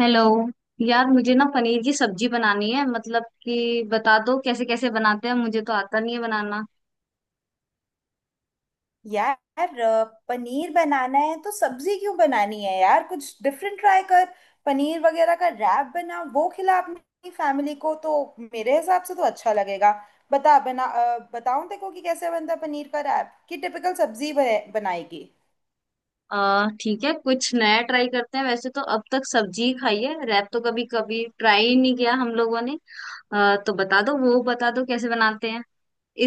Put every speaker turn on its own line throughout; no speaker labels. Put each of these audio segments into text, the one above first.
Hello. यार मुझे ना पनीर की सब्जी बनानी है, मतलब कि बता दो कैसे कैसे बनाते हैं, मुझे तो आता नहीं है बनाना।
यार, पनीर बनाना है तो सब्जी क्यों बनानी है। यार, कुछ डिफरेंट ट्राई कर। पनीर वगैरह का रैप बना, वो खिला अपनी फैमिली को तो मेरे हिसाब से तो अच्छा लगेगा। बता, बना, बताऊं देखो कि कैसे बनता है पनीर का रैप, कि टिपिकल सब्जी बनाएगी।
आ ठीक है, कुछ नया ट्राई करते हैं, वैसे तो अब तक सब्जी ही खाई है, रैप तो कभी कभी ट्राई ही नहीं किया हम लोगों ने। तो बता दो, वो बता दो कैसे बनाते हैं।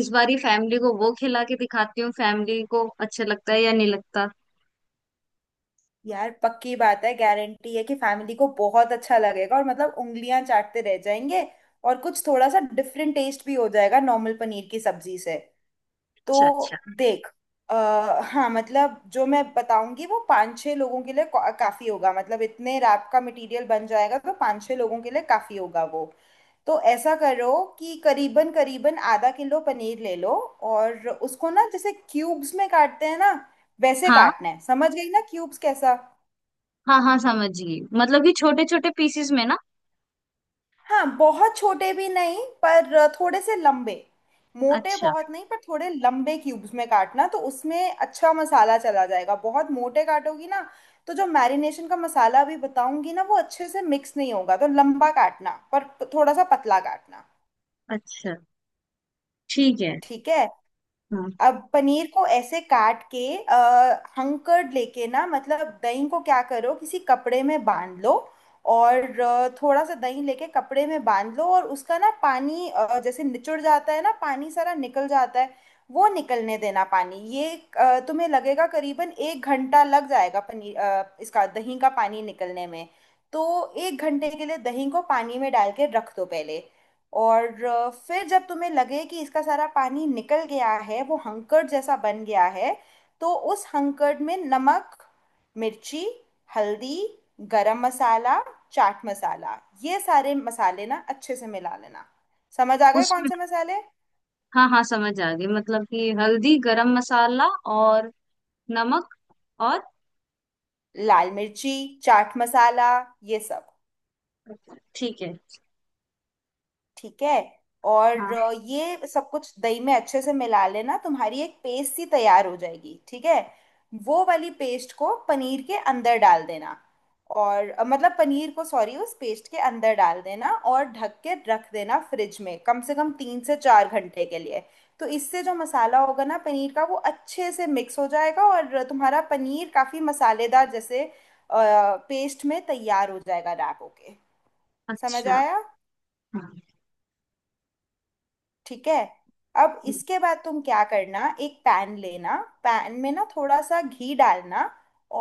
इस बार ही फैमिली को वो खिला के दिखाती हूँ, फैमिली को अच्छा लगता है या नहीं लगता।
यार पक्की बात है, गारंटी है कि फैमिली को बहुत अच्छा लगेगा और मतलब उंगलियां चाटते रह जाएंगे। और कुछ थोड़ा सा डिफरेंट टेस्ट भी हो जाएगा नॉर्मल पनीर की सब्जी से। तो
अच्छा, अच्छा।
देख। हाँ, मतलब जो मैं बताऊंगी वो पांच छह लोगों के लिए काफी होगा, मतलब इतने रैप का मटेरियल बन जाएगा, तो पांच छह लोगों के लिए काफी होगा वो। तो ऐसा करो कि करीबन करीबन आधा किलो पनीर ले लो, और उसको ना जैसे क्यूब्स में काटते हैं ना, वैसे
हाँ,
काटना है। समझ गई ना क्यूब्स कैसा?
हाँ, हाँ, समझ गई, मतलब कि छोटे छोटे पीसेस में ना।
हाँ। बहुत छोटे भी नहीं पर थोड़े से लंबे, मोटे
अच्छा,
बहुत नहीं पर थोड़े लंबे क्यूब्स में काटना, तो उसमें अच्छा मसाला चला जाएगा। बहुत मोटे काटोगी ना, तो जो मैरिनेशन का मसाला अभी बताऊंगी ना वो अच्छे से मिक्स नहीं होगा। तो लंबा काटना पर थोड़ा सा पतला काटना।
अच्छा। ठीक है।
ठीक है।
हाँ।
अब पनीर को ऐसे काट के हंकर्ड लेके ना, मतलब दही को क्या करो, किसी कपड़े में बांध लो। और थोड़ा सा दही लेके कपड़े में बांध लो, और उसका ना पानी जैसे निचुड़ जाता है ना, पानी सारा निकल जाता है। वो निकलने देना पानी ये। तुम्हें लगेगा करीबन 1 घंटा लग जाएगा, पनीर इसका दही का पानी निकलने में। तो 1 घंटे के लिए दही को पानी में डाल के रख दो पहले। और फिर जब तुम्हें लगे कि इसका सारा पानी निकल गया है, वो हंकड़ जैसा बन गया है। तो उस हंकड़ में नमक, मिर्ची, हल्दी, गरम मसाला, चाट मसाला, ये सारे मसाले ना अच्छे से मिला लेना। समझ आ गए कौन
उसमें
से मसाले?
हाँ, हाँ, समझ आ गई, मतलब कि हल्दी, गरम मसाला और नमक और
लाल मिर्ची, चाट मसाला, ये सब।
ठीक है।
ठीक है। और
हाँ।
ये सब कुछ दही में अच्छे से मिला लेना, तुम्हारी एक पेस्ट सी तैयार हो जाएगी। ठीक है। वो वाली पेस्ट को पनीर के अंदर डाल देना। और मतलब पनीर को, सॉरी, उस पेस्ट के अंदर डाल देना और ढक के रख देना फ्रिज में कम से कम 3 से 4 घंटे के लिए। तो इससे जो मसाला होगा ना पनीर का, वो अच्छे से मिक्स हो जाएगा और तुम्हारा पनीर काफी मसालेदार जैसे पेस्ट में तैयार हो जाएगा रैप होके। समझ
अच्छा।
आया?
हाँ।
ठीक है। अब
ठीक।
इसके बाद तुम क्या करना, एक पैन लेना। पैन में ना थोड़ा सा घी डालना।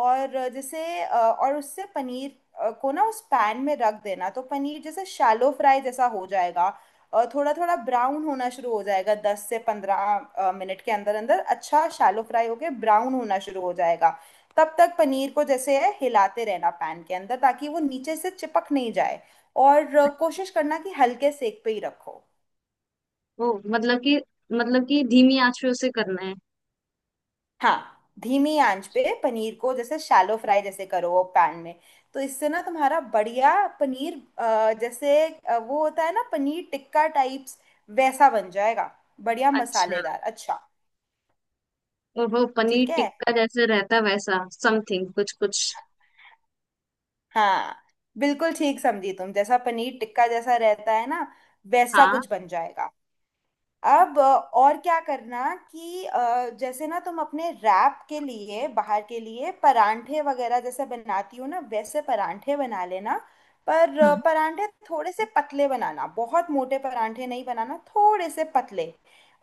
और जैसे और उससे पनीर को ना उस पैन में रख देना, तो पनीर जैसे शैलो फ्राई जैसा हो जाएगा। थोड़ा थोड़ा ब्राउन होना शुरू हो जाएगा, 10 से 15 मिनट के अंदर अंदर अच्छा शैलो फ्राई होके ब्राउन होना शुरू हो जाएगा। तब तक पनीर को जैसे है हिलाते रहना पैन के अंदर, ताकि वो नीचे से चिपक नहीं जाए। और कोशिश करना कि हल्के सेक पे ही रखो।
ओ, मतलब कि धीमी आंच पे उसे करना है।
हाँ, धीमी आंच पे पनीर को जैसे शैलो फ्राई जैसे करो वो पैन में। तो इससे ना तुम्हारा बढ़िया पनीर, जैसे वो होता है ना पनीर टिक्का टाइप्स, वैसा बन जाएगा। बढ़िया
अच्छा।
मसालेदार, अच्छा।
और वो
ठीक
पनीर
है।
टिक्का जैसे रहता है, वैसा समथिंग कुछ कुछ।
हाँ, बिल्कुल ठीक समझी तुम। जैसा पनीर टिक्का जैसा रहता है ना, वैसा
हाँ।
कुछ बन जाएगा। अब और क्या करना कि जैसे ना तुम अपने रैप के लिए बाहर के लिए परांठे वगैरह जैसे बनाती हो ना, वैसे परांठे बना लेना। पर
हाँ।
परांठे थोड़े से पतले बनाना, बहुत मोटे परांठे नहीं बनाना, थोड़े से पतले।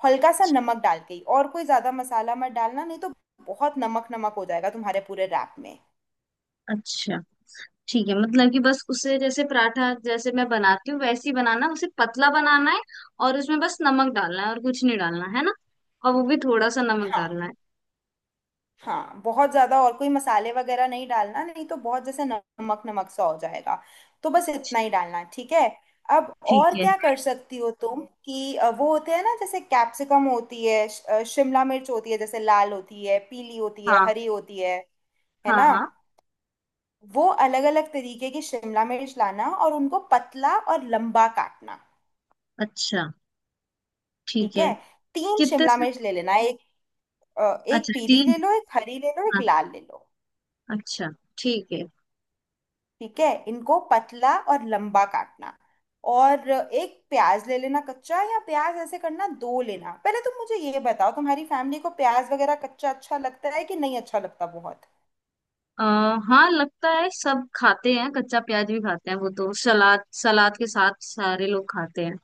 हल्का सा नमक डाल के ही, और कोई ज्यादा मसाला मत डालना, नहीं तो बहुत नमक नमक हो जाएगा तुम्हारे पूरे रैप में।
अच्छा। ठीक है, मतलब कि बस उसे जैसे पराठा जैसे मैं बनाती हूँ वैसे ही बनाना, उसे पतला बनाना है, और उसमें बस नमक डालना है और कुछ नहीं डालना है ना, और वो भी थोड़ा सा नमक डालना है।
हाँ, बहुत ज्यादा और कोई मसाले वगैरह नहीं डालना, नहीं तो बहुत जैसे नमक नमक सा हो जाएगा। तो बस इतना ही डालना, ठीक है। अब
ठीक
और
है।
क्या कर सकती हो तुम कि वो होते हैं ना, जैसे कैप्सिकम होती है, शिमला मिर्च होती है, जैसे लाल होती है, पीली होती है,
हाँ,
हरी होती है
हाँ,
ना।
हाँ।
वो अलग अलग तरीके की शिमला मिर्च लाना और उनको पतला और लंबा काटना।
अच्छा। ठीक
ठीक
है।
है। तीन
कितने
शिमला
से?
मिर्च ले लेना, एक
अच्छा,
पीली
तीन।
ले लो, एक हरी ले लो, एक
हाँ।
लाल ले लो।
अच्छा। ठीक है।
ठीक है, इनको पतला और लंबा काटना। और एक प्याज ले लेना कच्चा, या प्याज ऐसे करना दो लेना। पहले तुम मुझे ये बताओ, तुम्हारी फैमिली को प्याज वगैरह कच्चा अच्छा लगता है कि नहीं? अच्छा लगता बहुत,
आ, हाँ, लगता है, सब खाते हैं, कच्चा प्याज भी खाते हैं वो तो, सलाद सलाद के साथ सारे लोग खाते हैं।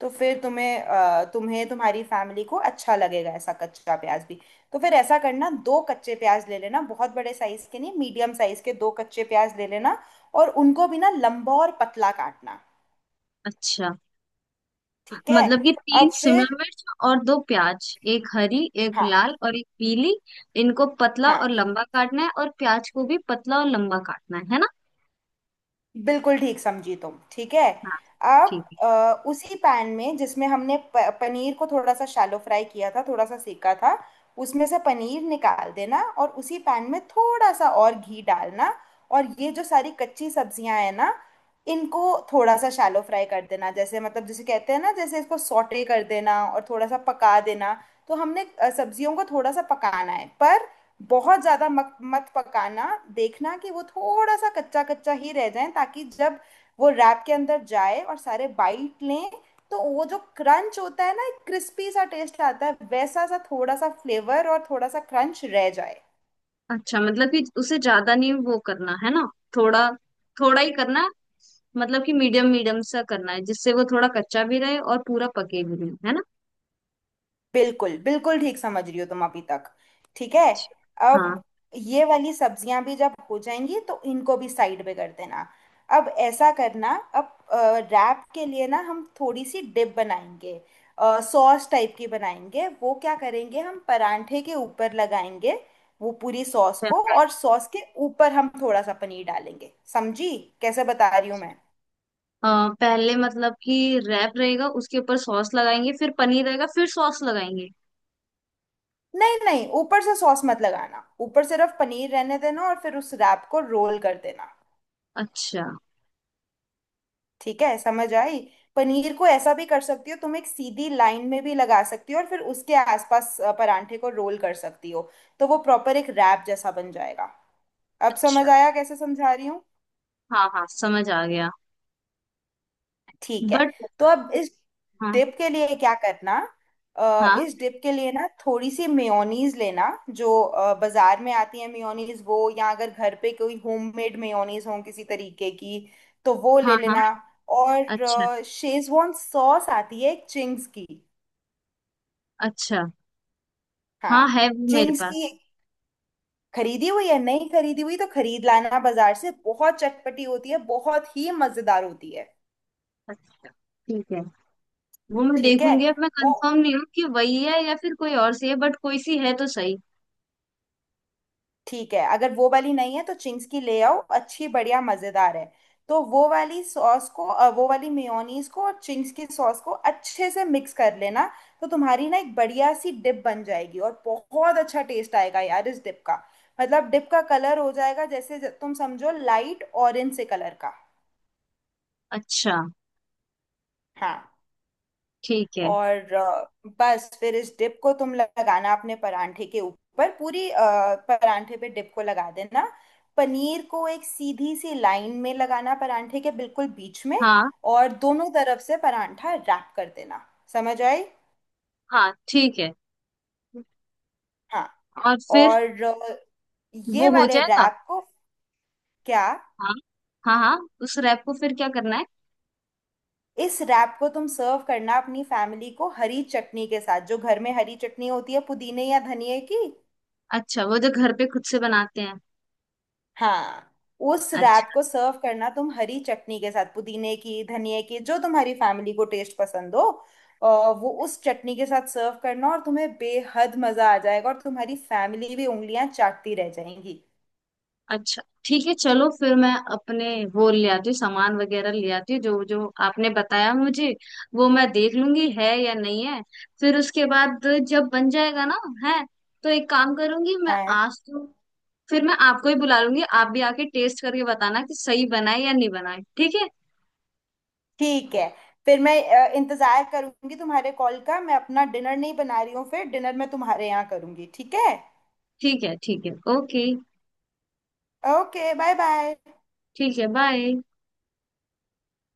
तो फिर तुम्हें तुम्हारी फैमिली को अच्छा लगेगा ऐसा कच्चा प्याज भी। तो फिर ऐसा करना, दो कच्चे प्याज ले लेना, बहुत बड़े साइज के नहीं, मीडियम साइज के दो कच्चे प्याज ले लेना, और उनको भी ना लंबा और पतला काटना।
अच्छा,
ठीक है।
मतलब कि तीन
अब फिर।
शिमला मिर्च और दो प्याज, एक हरी एक
हाँ
लाल और एक पीली। इनको पतला और
हाँ,
लंबा काटना है और प्याज को भी पतला और लंबा काटना है ना?
बिल्कुल ठीक समझी तुम। ठीक है।
हाँ,
अब
ठीक है।
उसी पैन में जिसमें हमने पनीर को थोड़ा सा शैलो फ्राई किया था, थोड़ा सा सेका था, उसमें से पनीर निकाल देना और उसी पैन में थोड़ा सा और घी डालना। और ये जो सारी कच्ची सब्जियां हैं ना, इनको थोड़ा सा शैलो फ्राई कर देना, जैसे मतलब जिसे कहते हैं ना, जैसे इसको सॉटे कर देना, और थोड़ा सा पका देना। तो हमने सब्जियों को थोड़ा सा पकाना है, पर बहुत ज्यादा मत पकाना। देखना कि वो थोड़ा सा कच्चा कच्चा ही रह जाए, ताकि जब वो रैप के अंदर जाए और सारे बाइट लें, तो वो जो क्रंच होता है ना, एक क्रिस्पी सा टेस्ट आता है, वैसा सा थोड़ा सा फ्लेवर और थोड़ा सा क्रंच रह जाए।
अच्छा, मतलब कि उसे ज्यादा नहीं वो करना है ना, थोड़ा, थोड़ा ही करना है, मतलब कि मीडियम मीडियम सा करना है, जिससे वो थोड़ा कच्चा भी रहे और पूरा पके भी नहीं, है ना?
बिल्कुल बिल्कुल ठीक समझ रही हो तुम अभी तक। ठीक है। अब
हाँ।
ये वाली सब्जियां भी जब हो जाएंगी, तो इनको भी साइड में कर देना। अब ऐसा करना। अब रैप के लिए ना हम थोड़ी सी डिप बनाएंगे, सॉस टाइप की बनाएंगे। वो क्या करेंगे, हम परांठे के ऊपर लगाएंगे वो पूरी सॉस
अच्छा।
को, और सॉस के ऊपर हम थोड़ा सा पनीर डालेंगे। समझी कैसे बता रही हूँ मैं?
पहले मतलब कि रैप रहेगा, उसके ऊपर सॉस लगाएंगे, फिर पनीर रहेगा, फिर सॉस लगाएंगे।
नहीं नहीं, ऊपर से सॉस मत लगाना, ऊपर सिर्फ पनीर रहने देना और फिर उस रैप को रोल कर देना।
अच्छा,
ठीक है, समझ आई? पनीर को ऐसा भी कर सकती हो तुम, एक सीधी लाइन में भी लगा सकती हो, और फिर उसके आसपास परांठे को रोल कर सकती हो। तो वो प्रॉपर एक रैप जैसा बन जाएगा। अब समझ
अच्छा।
आया कैसे समझा रही हूँ?
हाँ, हाँ, समझ आ गया।
ठीक है।
बट
तो अब इस
हाँ,
डिप के लिए क्या करना,
हाँ,
इस डिप के लिए ना थोड़ी सी मेयोनीज लेना, जो बाजार में आती है मेयोनीज वो, या अगर घर पे कोई होममेड मेयोनीज हो किसी तरीके की, तो वो
हाँ,
ले
हाँ।
लेना।
अच्छा,
और शेजवान सॉस आती है एक चिंग्स की।
अच्छा।
हाँ,
हाँ, है वो मेरे
चिंग्स की।
पास।
खरीदी हुई या नहीं खरीदी हुई तो खरीद लाना बाजार से, बहुत चटपटी होती है, बहुत ही मजेदार होती है।
अच्छा, ठीक है, वो मैं
ठीक है
देखूंगी, अब मैं
वो।
कंफर्म नहीं हूँ कि वही है या फिर कोई और सी है, बट कोई सी है तो सही।
ठीक है, अगर वो वाली नहीं है तो चिंग्स की ले आओ, अच्छी बढ़िया मजेदार है। तो वो वाली सॉस को, वो वाली मेयोनीज को और चिंग्स की सॉस को अच्छे से मिक्स कर लेना। तो तुम्हारी ना एक बढ़िया सी डिप बन जाएगी और बहुत अच्छा टेस्ट आएगा यार इस डिप का। मतलब डिप का कलर हो जाएगा जैसे तुम समझो लाइट ऑरेंज से कलर का।
अच्छा।
हाँ।
ठीक है।
और बस फिर इस डिप को तुम लगाना अपने परांठे के ऊपर पूरी, परांठे पे डिप को लगा देना। पनीर को एक सीधी सी लाइन में लगाना परांठे के बिल्कुल बीच में,
हाँ।
और दोनों तरफ से परांठा रैप कर देना। समझ आई?
हाँ, ठीक है।
हाँ।
और फिर
और ये
वो हो
वाले
जाएगा।
रैप को, क्या,
हाँ। हाँ, हाँ। उस रैप को फिर क्या करना है?
इस रैप को तुम सर्व करना अपनी फैमिली को हरी चटनी के साथ, जो घर में हरी चटनी होती है पुदीने या धनिए की।
अच्छा, वो जो घर पे खुद से बनाते हैं।
हाँ। उस
अच्छा।
रैप को सर्व करना तुम हरी चटनी के साथ पुदीने की धनिया की, जो तुम्हारी फैमिली को टेस्ट पसंद हो। अ, वो उस चटनी के साथ सर्व करना और तुम्हें बेहद मजा आ जाएगा और तुम्हारी फैमिली भी उंगलियां चाटती रह जाएंगी।
अच्छा, ठीक है, चलो फिर मैं अपने वो ले आती हूँ, सामान वगैरह ले आती हूँ जो जो आपने बताया मुझे, वो मैं देख लूंगी है या नहीं है। फिर उसके बाद जब बन जाएगा ना, है, तो एक काम करूंगी मैं
हाँ।
आज तो, फिर मैं आपको ही बुला लूंगी, आप भी आके टेस्ट करके बताना कि सही बना है या नहीं बना है। ठीक है?
ठीक है। फिर मैं इंतजार करूंगी तुम्हारे कॉल का। मैं अपना डिनर नहीं बना रही हूँ, फिर डिनर मैं तुम्हारे यहाँ करूंगी। ठीक है।
ठीक है, ठीक है, ओके।
Okay, bye bye.
ठीक है, बाय।